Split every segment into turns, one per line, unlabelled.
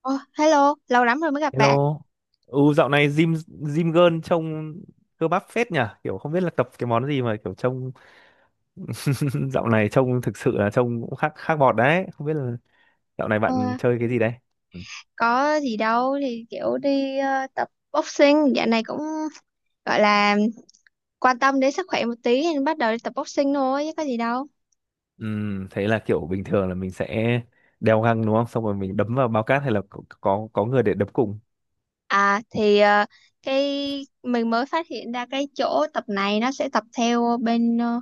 Ồ, hello, lâu lắm rồi mới gặp bạn.
Hello. Ừ, dạo này gym gym girl trông cơ bắp phết nhỉ, kiểu không biết là tập cái món gì mà kiểu trông dạo này trông thực sự là trông cũng khác khác bọt đấy, không biết là dạo này
Ờ,
bạn chơi cái gì đấy.
có gì đâu thì kiểu đi tập boxing, dạo này cũng gọi là quan tâm đến sức khỏe một tí nên bắt đầu đi tập boxing thôi chứ có gì đâu.
Thế là kiểu bình thường là mình sẽ đeo găng đúng không? Xong rồi mình đấm vào bao cát hay là có người để đấm cùng.
À thì cái mình mới phát hiện ra cái chỗ tập này, nó sẽ tập theo bên,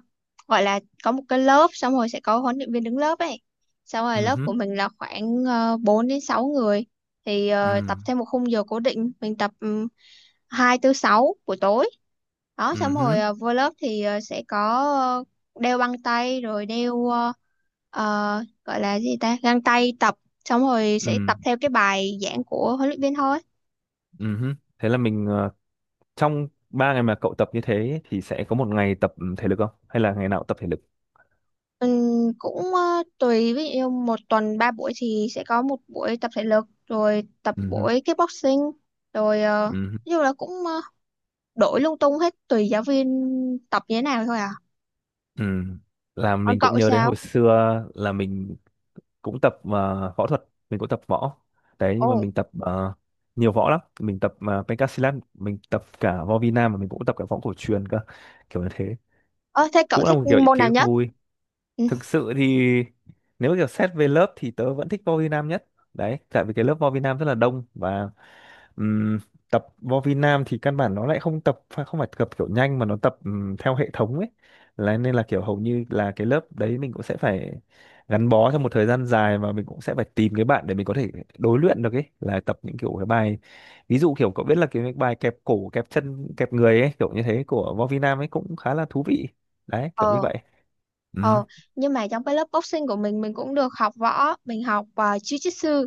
gọi là có một cái lớp, xong rồi sẽ có huấn luyện viên đứng lớp ấy. Xong rồi lớp của
Ừm,
mình là khoảng 4 đến 6 người, thì tập
ừm,
theo một khung giờ cố định. Mình tập 2 tới 6 buổi tối đó. Xong rồi
ừm,
vô lớp thì sẽ có đeo băng tay, rồi đeo gọi là gì ta, găng tay tập, xong rồi sẽ tập
ừm,
theo cái bài giảng của huấn luyện viên thôi.
ừm. Thế là mình trong 3 ngày mà cậu tập như thế thì sẽ có một ngày tập thể lực không? Hay là ngày nào cũng tập thể lực?
Cũng tùy, ví dụ như một tuần ba buổi thì sẽ có một buổi tập thể lực rồi tập
Ừm,
buổi kickboxing, rồi
ừm.
nói chung là cũng đổi lung tung hết, tùy giáo viên tập như thế nào thôi à.
Ừ. Là
Còn
mình
cậu
cũng nhớ đến
sao?
hồi xưa là mình cũng tập võ thuật, mình cũng tập võ. Đấy
Ồ,
nhưng mà mình tập nhiều võ lắm, mình tập Pencak. Mình tập cả võ Việt Nam và mình cũng tập cả võ cổ truyền cơ. Kiểu như thế.
ơ, thế cậu
Cũng là
thích
một kiểu
môn
ký
nào
ức
nhất?
vui.
Ừ.
Thực sự thì nếu kiểu xét về lớp thì tớ vẫn thích võ Việt Nam nhất. Đấy, tại vì cái lớp võ Việt Nam rất là đông và Ừm, tập vô vi Nam thì căn bản nó lại không phải tập kiểu nhanh, mà nó tập theo hệ thống ấy, là nên là kiểu hầu như là cái lớp đấy mình cũng sẽ phải gắn bó trong một thời gian dài, và mình cũng sẽ phải tìm cái bạn để mình có thể đối luyện được ấy, là tập những kiểu cái bài, ví dụ kiểu cậu biết là cái bài kẹp cổ kẹp chân kẹp người ấy, kiểu như thế của Võ Vi Nam ấy cũng khá là thú vị đấy, kiểu như
ờ
vậy. Ừ,
ờ nhưng mà trong cái lớp boxing của mình cũng được học võ. Mình học jiu-jitsu.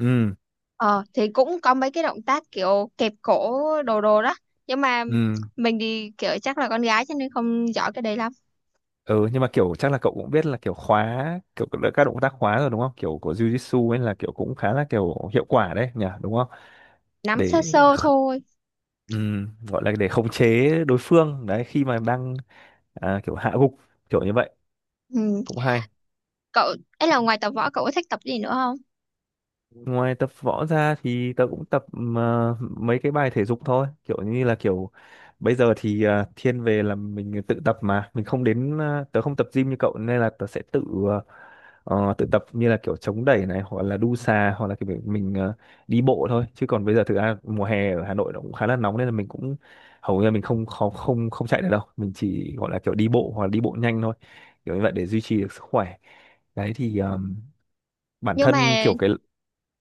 ừ,
Ờ thì cũng có mấy cái động tác kiểu kẹp cổ đồ đồ đó, nhưng mà
ừ,
mình thì kiểu chắc là con gái cho nên không giỏi cái đấy lắm,
ừ. Nhưng mà kiểu chắc là cậu cũng biết là kiểu khóa, kiểu các động tác khóa rồi đúng không, kiểu của Jiu-Jitsu ấy là kiểu cũng khá là kiểu hiệu quả đấy nhỉ, đúng không,
nắm sơ
để
sơ thôi.
gọi là để khống chế đối phương đấy, khi mà đang à, kiểu hạ gục, kiểu như vậy.
Ừ.
Cũng hay.
Cậu ấy là, ngoài tập võ cậu có thích tập gì nữa không?
Ngoài tập võ ra thì tớ cũng tập mấy cái bài thể dục thôi, kiểu như là kiểu bây giờ thì thiên về là mình tự tập mà mình không đến tớ không tập gym như cậu, nên là tớ sẽ tự tự tập như là kiểu chống đẩy này hoặc là đu xà hoặc là kiểu mình đi bộ thôi. Chứ còn bây giờ thực ra mùa hè ở Hà Nội nó cũng khá là nóng nên là mình cũng hầu như là mình không không không không chạy được đâu, mình chỉ gọi là kiểu đi bộ hoặc là đi bộ nhanh thôi, kiểu như vậy để duy trì được sức khỏe. Đấy thì bản
Nhưng
thân
mà,
kiểu cái.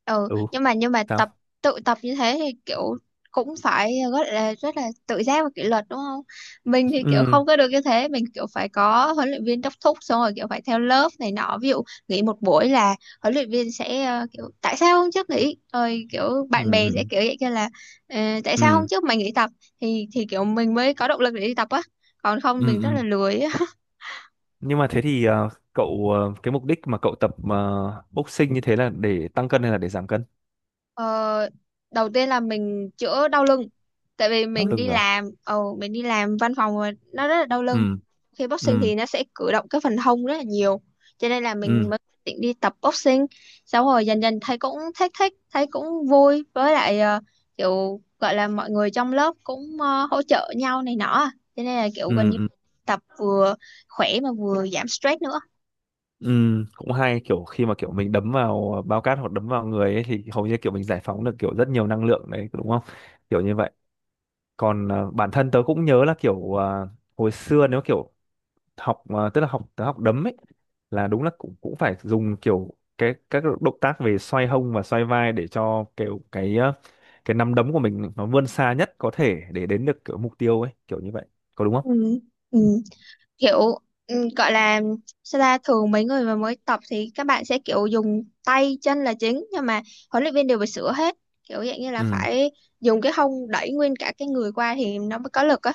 ừ,
Ừ.
nhưng mà, nhưng mà
Sao?
tập tự tập như thế thì kiểu cũng phải rất là tự giác và kỷ luật, đúng không? Mình thì kiểu
Ừ,
không có được như thế. Mình kiểu phải có huấn luyện viên đốc thúc, xong rồi kiểu phải theo lớp này nọ. Ví dụ nghỉ một buổi là huấn luyện viên sẽ kiểu, tại sao hôm trước nghỉ, rồi kiểu
ừ,
bạn bè sẽ
ừ,
kiểu vậy kia là, "Ờ, tại sao
ừ,
hôm trước mày nghỉ tập?" Thì kiểu mình mới có động lực để đi tập á, còn không
ừ,
mình rất là
ừ.
lười.
Nhưng mà thế thì cậu cái mục đích mà cậu tập boxing như thế là để tăng cân hay là để giảm cân?
Ờ, đầu tiên là mình chữa đau lưng, tại vì
Đau lưng à?
mình đi làm văn phòng mà nó rất là đau
Ừ,
lưng. Khi boxing
ừ,
thì nó sẽ cử động cái phần hông rất là nhiều, cho nên là
ừ,
mình mới định đi tập boxing. Sau rồi dần dần thấy cũng thích thích, thấy cũng vui, với lại kiểu gọi là mọi người trong lớp cũng hỗ trợ nhau này nọ à. Cho nên là kiểu gần
ừ,
như
ừ,
tập vừa khỏe mà vừa giảm stress nữa.
ừ. Cũng hay, kiểu khi mà kiểu mình đấm vào bao cát hoặc đấm vào người ấy thì hầu như kiểu mình giải phóng được kiểu rất nhiều năng lượng đấy đúng không, kiểu như vậy. Còn bản thân tớ cũng nhớ là kiểu hồi xưa nếu kiểu học tức là học học đấm ấy, là đúng là cũng cũng phải dùng kiểu cái các động tác về xoay hông và xoay vai để cho kiểu cái cái nắm đấm của mình nó vươn xa nhất có thể để đến được kiểu mục tiêu ấy, kiểu như vậy, có đúng không?
Ừ. Ừ. Kiểu, gọi là, sao ta, thường mấy người mà mới tập thì các bạn sẽ kiểu dùng tay chân là chính, nhưng mà huấn luyện viên đều phải sửa hết, kiểu dạng như là
Ừ,
phải dùng cái hông đẩy nguyên cả cái người qua thì nó mới có lực á.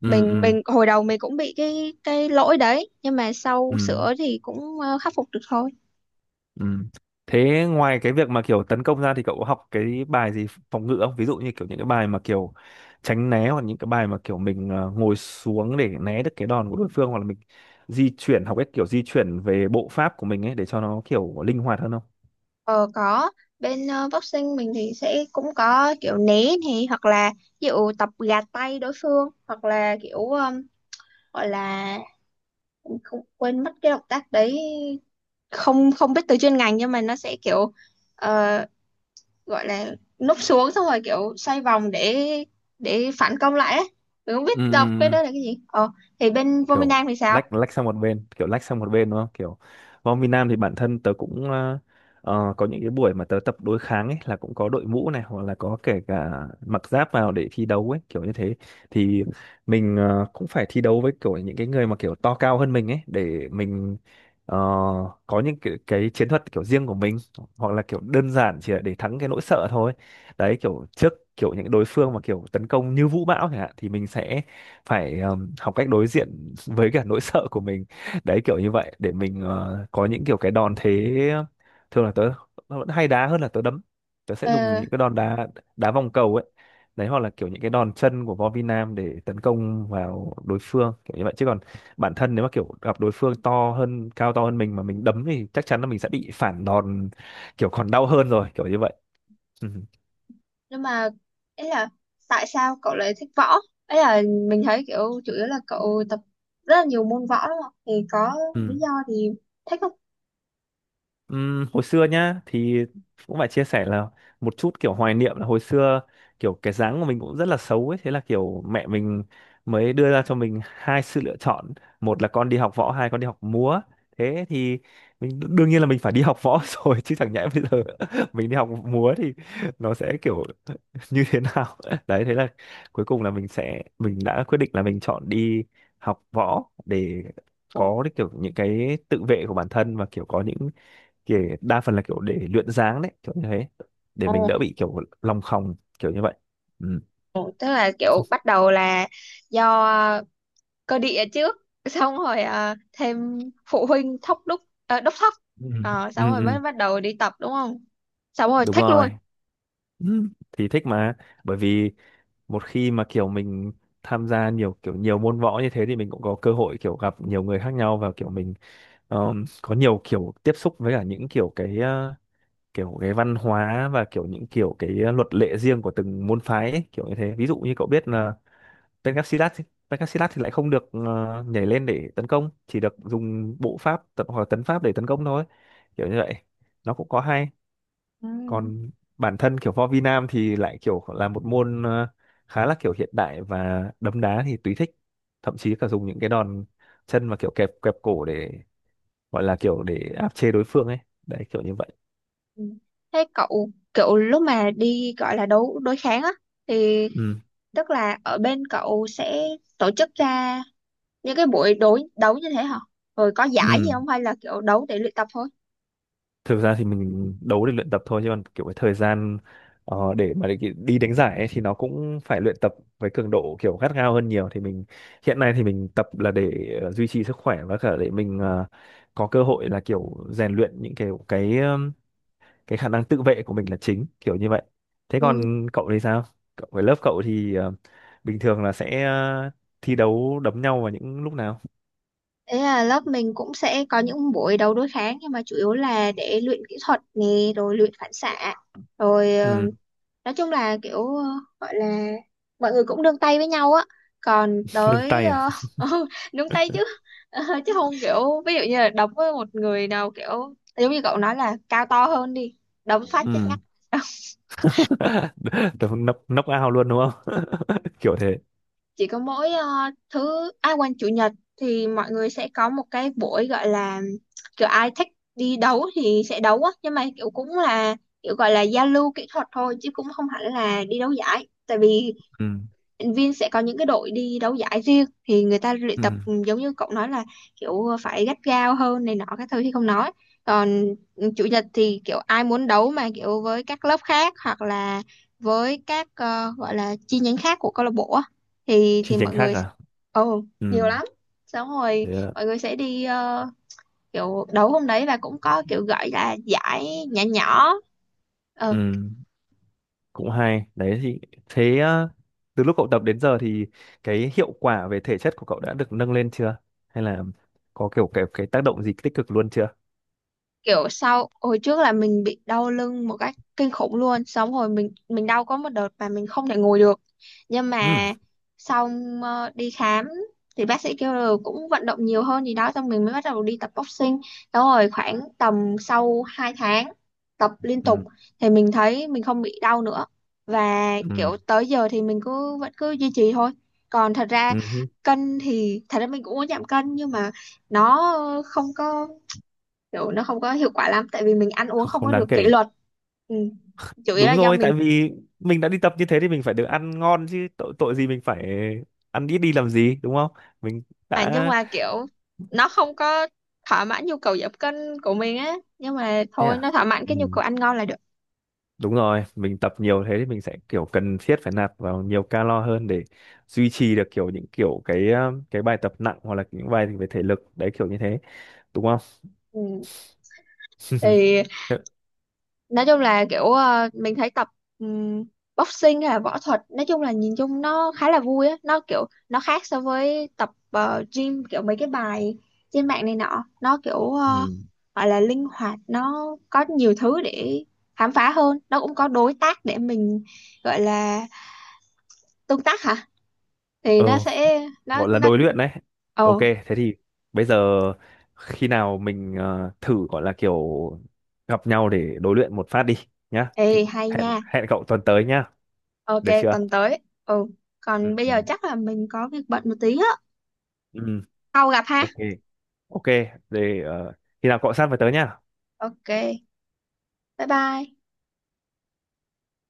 ừ,
mình
ừ,
mình hồi đầu mình cũng bị cái lỗi đấy, nhưng mà sau
ừ.
sửa thì cũng khắc phục được thôi.
Ừ. Thế ngoài cái việc mà kiểu tấn công ra thì cậu có học cái bài gì phòng ngự không? Ví dụ như kiểu những cái bài mà kiểu tránh né, hoặc những cái bài mà kiểu mình ngồi xuống để né được cái đòn của đối phương, hoặc là mình di chuyển, học cách kiểu di chuyển về bộ pháp của mình ấy để cho nó kiểu linh hoạt hơn không?
Ờ, có. Bên boxing mình thì sẽ cũng có kiểu né này, hoặc là ví dụ tập gạt tay đối phương, hoặc là kiểu gọi là mình không, quên mất cái động tác đấy, không không biết từ chuyên ngành, nhưng mà nó sẽ kiểu ờ, gọi là núp xuống xong rồi kiểu xoay vòng để phản công lại ấy. Mình không
Ừ,
biết đọc cái đó là cái gì. Ờ thì bên Vominang
kiểu
thì sao?
lách lách sang một bên, kiểu lách sang một bên đúng không, kiểu bóng Việt Nam thì bản thân tớ cũng có những cái buổi mà tớ tập đối kháng ấy, là cũng có đội mũ này hoặc là có kể cả mặc giáp vào để thi đấu ấy, kiểu như thế. Thì mình cũng phải thi đấu với kiểu những cái người mà kiểu to cao hơn mình ấy, để mình ờ, có những cái chiến thuật kiểu riêng của mình, hoặc là kiểu đơn giản chỉ là để thắng cái nỗi sợ thôi. Đấy, kiểu trước kiểu những đối phương mà kiểu tấn công như vũ bão chẳng hạn thì mình sẽ phải học cách đối diện với cả nỗi sợ của mình, đấy kiểu như vậy để mình có những kiểu cái đòn thế. Thường là tớ vẫn hay đá hơn là tớ đấm, tớ sẽ dùng
ờ
những cái đòn đá, đá vòng cầu ấy, đấy, hoặc là kiểu những cái đòn chân của Võ Vi Nam để tấn công vào đối phương, kiểu như vậy. Chứ còn bản thân nếu mà kiểu gặp đối phương to hơn, cao to hơn mình mà mình đấm thì chắc chắn là mình sẽ bị phản đòn, kiểu còn đau hơn, rồi kiểu như vậy. Ừ.
nhưng mà, ấy là, tại sao cậu lại thích võ? Ấy là mình thấy kiểu chủ yếu là cậu tập rất là nhiều môn võ, đúng không? Thì có
Ừ.
lý do thì thích không?
Hồi xưa nhá thì cũng phải chia sẻ là một chút kiểu hoài niệm, là hồi xưa kiểu cái dáng của mình cũng rất là xấu ấy, thế là kiểu mẹ mình mới đưa ra cho mình hai sự lựa chọn, một là con đi học võ, hai con đi học múa. Thế thì mình đương nhiên là mình phải đi học võ rồi, chứ chẳng nhẽ bây giờ mình đi học múa thì nó sẽ kiểu như thế nào đấy, thế là cuối cùng là mình sẽ, mình đã quyết định là mình chọn đi học võ để
Ồ,
có cái kiểu những cái tự vệ của bản thân, và kiểu có những kiểu đa phần là kiểu để luyện dáng đấy, kiểu như thế, để mình đỡ bị kiểu lòng khòng, kiểu như vậy. Ừ.
ồ, tức là kiểu bắt đầu là do cơ địa trước, xong rồi, à, thêm phụ huynh đốc thóc.
Ừ.
Ờ,
Ừ,
xong rồi
ừ,
mới bắt đầu đi tập đúng không? Xong rồi
đúng
thích luôn.
rồi. Ừ, thì thích mà, bởi vì một khi mà kiểu mình tham gia nhiều kiểu nhiều môn võ như thế thì mình cũng có cơ hội kiểu gặp nhiều người khác nhau, và kiểu mình có nhiều kiểu tiếp xúc với cả những kiểu cái kiểu cái văn hóa và kiểu những kiểu cái luật lệ riêng của từng môn phái ấy, kiểu như thế. Ví dụ như cậu biết là Pencastilat thì- Pencastilat thì lại không được nhảy lên để tấn công, chỉ được dùng bộ pháp tấn, hoặc là tấn pháp để tấn công thôi, kiểu như vậy, nó cũng có hay.
Ừ.
Còn bản thân kiểu võ vi nam thì lại kiểu là một môn khá là kiểu hiện đại, và đấm đá thì tùy thích, thậm chí cả dùng những cái đòn chân và kiểu kẹp kẹp cổ để gọi là kiểu để áp chế đối phương ấy, đấy kiểu như vậy.
Ừ. Thế cậu kiểu lúc mà đi, gọi là đấu đối kháng á, thì
Ừ,
tức là ở bên cậu sẽ tổ chức ra những cái buổi đối đấu như thế hả? Rồi có giải gì
ừ.
không, hay là kiểu đấu để luyện tập thôi?
Thực ra thì mình đấu để luyện tập thôi, chứ còn kiểu cái thời gian để mà đi đánh giải ấy, thì nó cũng phải luyện tập với cường độ kiểu gắt gao hơn nhiều, thì mình hiện nay thì mình tập là để duy trì sức khỏe, và cả để mình có cơ hội là kiểu rèn luyện những kiểu cái khả năng tự vệ của mình là chính, kiểu như vậy. Thế còn cậu thì sao, cậu với lớp cậu thì bình thường là sẽ thi đấu đấm nhau vào những lúc nào?
Thế là lớp mình cũng sẽ có những buổi đấu đối kháng, nhưng mà chủ yếu là để luyện kỹ thuật nè, rồi luyện phản xạ, rồi
Ừ.
nói chung là kiểu gọi là mọi người cũng nương tay với nhau á. Còn
Nâng
tới
tay à?
ừ, nương tay chứ. Ờ, chứ không, kiểu ví dụ như là đấm với một người nào kiểu giống như cậu nói là cao to hơn đi, đấm phát chết
Ừ.
ngắt.
Tớ nấp nấp ao luôn đúng không kiểu thế.
Chỉ có mỗi thứ ai quanh chủ nhật thì mọi người sẽ có một cái buổi, gọi là kiểu ai thích đi đấu thì sẽ đấu á, nhưng mà kiểu cũng là kiểu gọi là giao lưu kỹ thuật thôi chứ cũng không hẳn là đi đấu giải, tại vì
Ừ.
luyện viên sẽ có những cái đội đi đấu giải riêng thì người ta luyện tập
Ừ.
giống như cậu nói là kiểu phải gắt gao hơn này nọ các thứ thì không nói. Còn chủ nhật thì kiểu ai muốn đấu mà kiểu với các lớp khác, hoặc là với các gọi là chi nhánh khác của câu lạc bộ á, thì
Chi
thì
nhánh
mọi
khác
người sẽ,
à?
ồ,
Ừ.
nhiều lắm. Xong rồi
Thế ạ.
mọi người sẽ đi kiểu đấu hôm đấy, và cũng có kiểu gọi là giải nhỏ nhỏ. ờ
Ừ. Cũng hay đấy, thì thế từ lúc cậu tập đến giờ thì cái hiệu quả về thể chất của cậu đã được nâng lên chưa, hay là có kiểu cái tác động gì tích cực luôn chưa?
kiểu sau, hồi trước là mình bị đau lưng một cách kinh khủng luôn, xong rồi mình đau có một đợt mà mình không thể ngồi được. Nhưng
Ừ.
mà, xong đi khám thì bác sĩ kêu là cũng vận động nhiều hơn gì đó, xong mình mới bắt đầu đi tập boxing đó. Rồi khoảng tầm sau 2 tháng tập liên tục
Ừ.
thì mình thấy mình không bị đau nữa, và
Ừ.
kiểu tới giờ thì mình cứ vẫn cứ duy trì thôi. Còn thật ra
Ừ.
cân thì thật ra mình cũng muốn giảm cân, nhưng mà nó không có nó không có hiệu quả lắm, tại vì mình ăn uống
Không,
không
không
có
đáng
được kỷ
kể.
luật. Ừ. Chủ yếu là
Đúng
do
rồi,
mình.
tại vì mình đã đi tập như thế thì mình phải được ăn ngon chứ, tội tội gì mình phải ăn ít đi làm gì, đúng không? Mình
Mà nhưng
đã.
mà kiểu nó không có thỏa mãn nhu cầu giảm cân của mình á. Nhưng mà
Thế
thôi,
à?
nó thỏa mãn cái nhu
Ừ.
cầu ăn ngon là được.
Đúng rồi, mình tập nhiều thế thì mình sẽ kiểu cần thiết phải nạp vào nhiều calo hơn để duy trì được kiểu những kiểu cái bài tập nặng hoặc là những bài về thể lực đấy, kiểu như thế, đúng không?
Ừ. Thì nói chung là kiểu mình thấy tập ừm, boxing hay là võ thuật, nói chung là nhìn chung nó khá là vui á. Nó kiểu nó khác so với tập gym, kiểu mấy cái bài trên mạng này nọ. Nó kiểu
Ừ.
gọi là linh hoạt, nó có nhiều thứ để khám phá hơn. Nó cũng có đối tác để mình, gọi là tương tác hả, thì
Ờ,
nó sẽ nó
gọi là
nó
đối luyện đấy. Ok,
Ồ,
thế thì bây giờ khi nào mình thử gọi là kiểu gặp nhau để đối luyện một phát đi nhá.
ê,
Thì
hay nha.
hẹn hẹn cậu tuần tới nhá,
Ok,
được chưa?
tuần tới. Ừ, còn bây
Ừ.
giờ chắc là mình có việc bận một tí á.
Ừ.
Sau gặp ha.
Ok, ok, để khi nào cậu sắp phải tới nhá.
Ok, bye bye.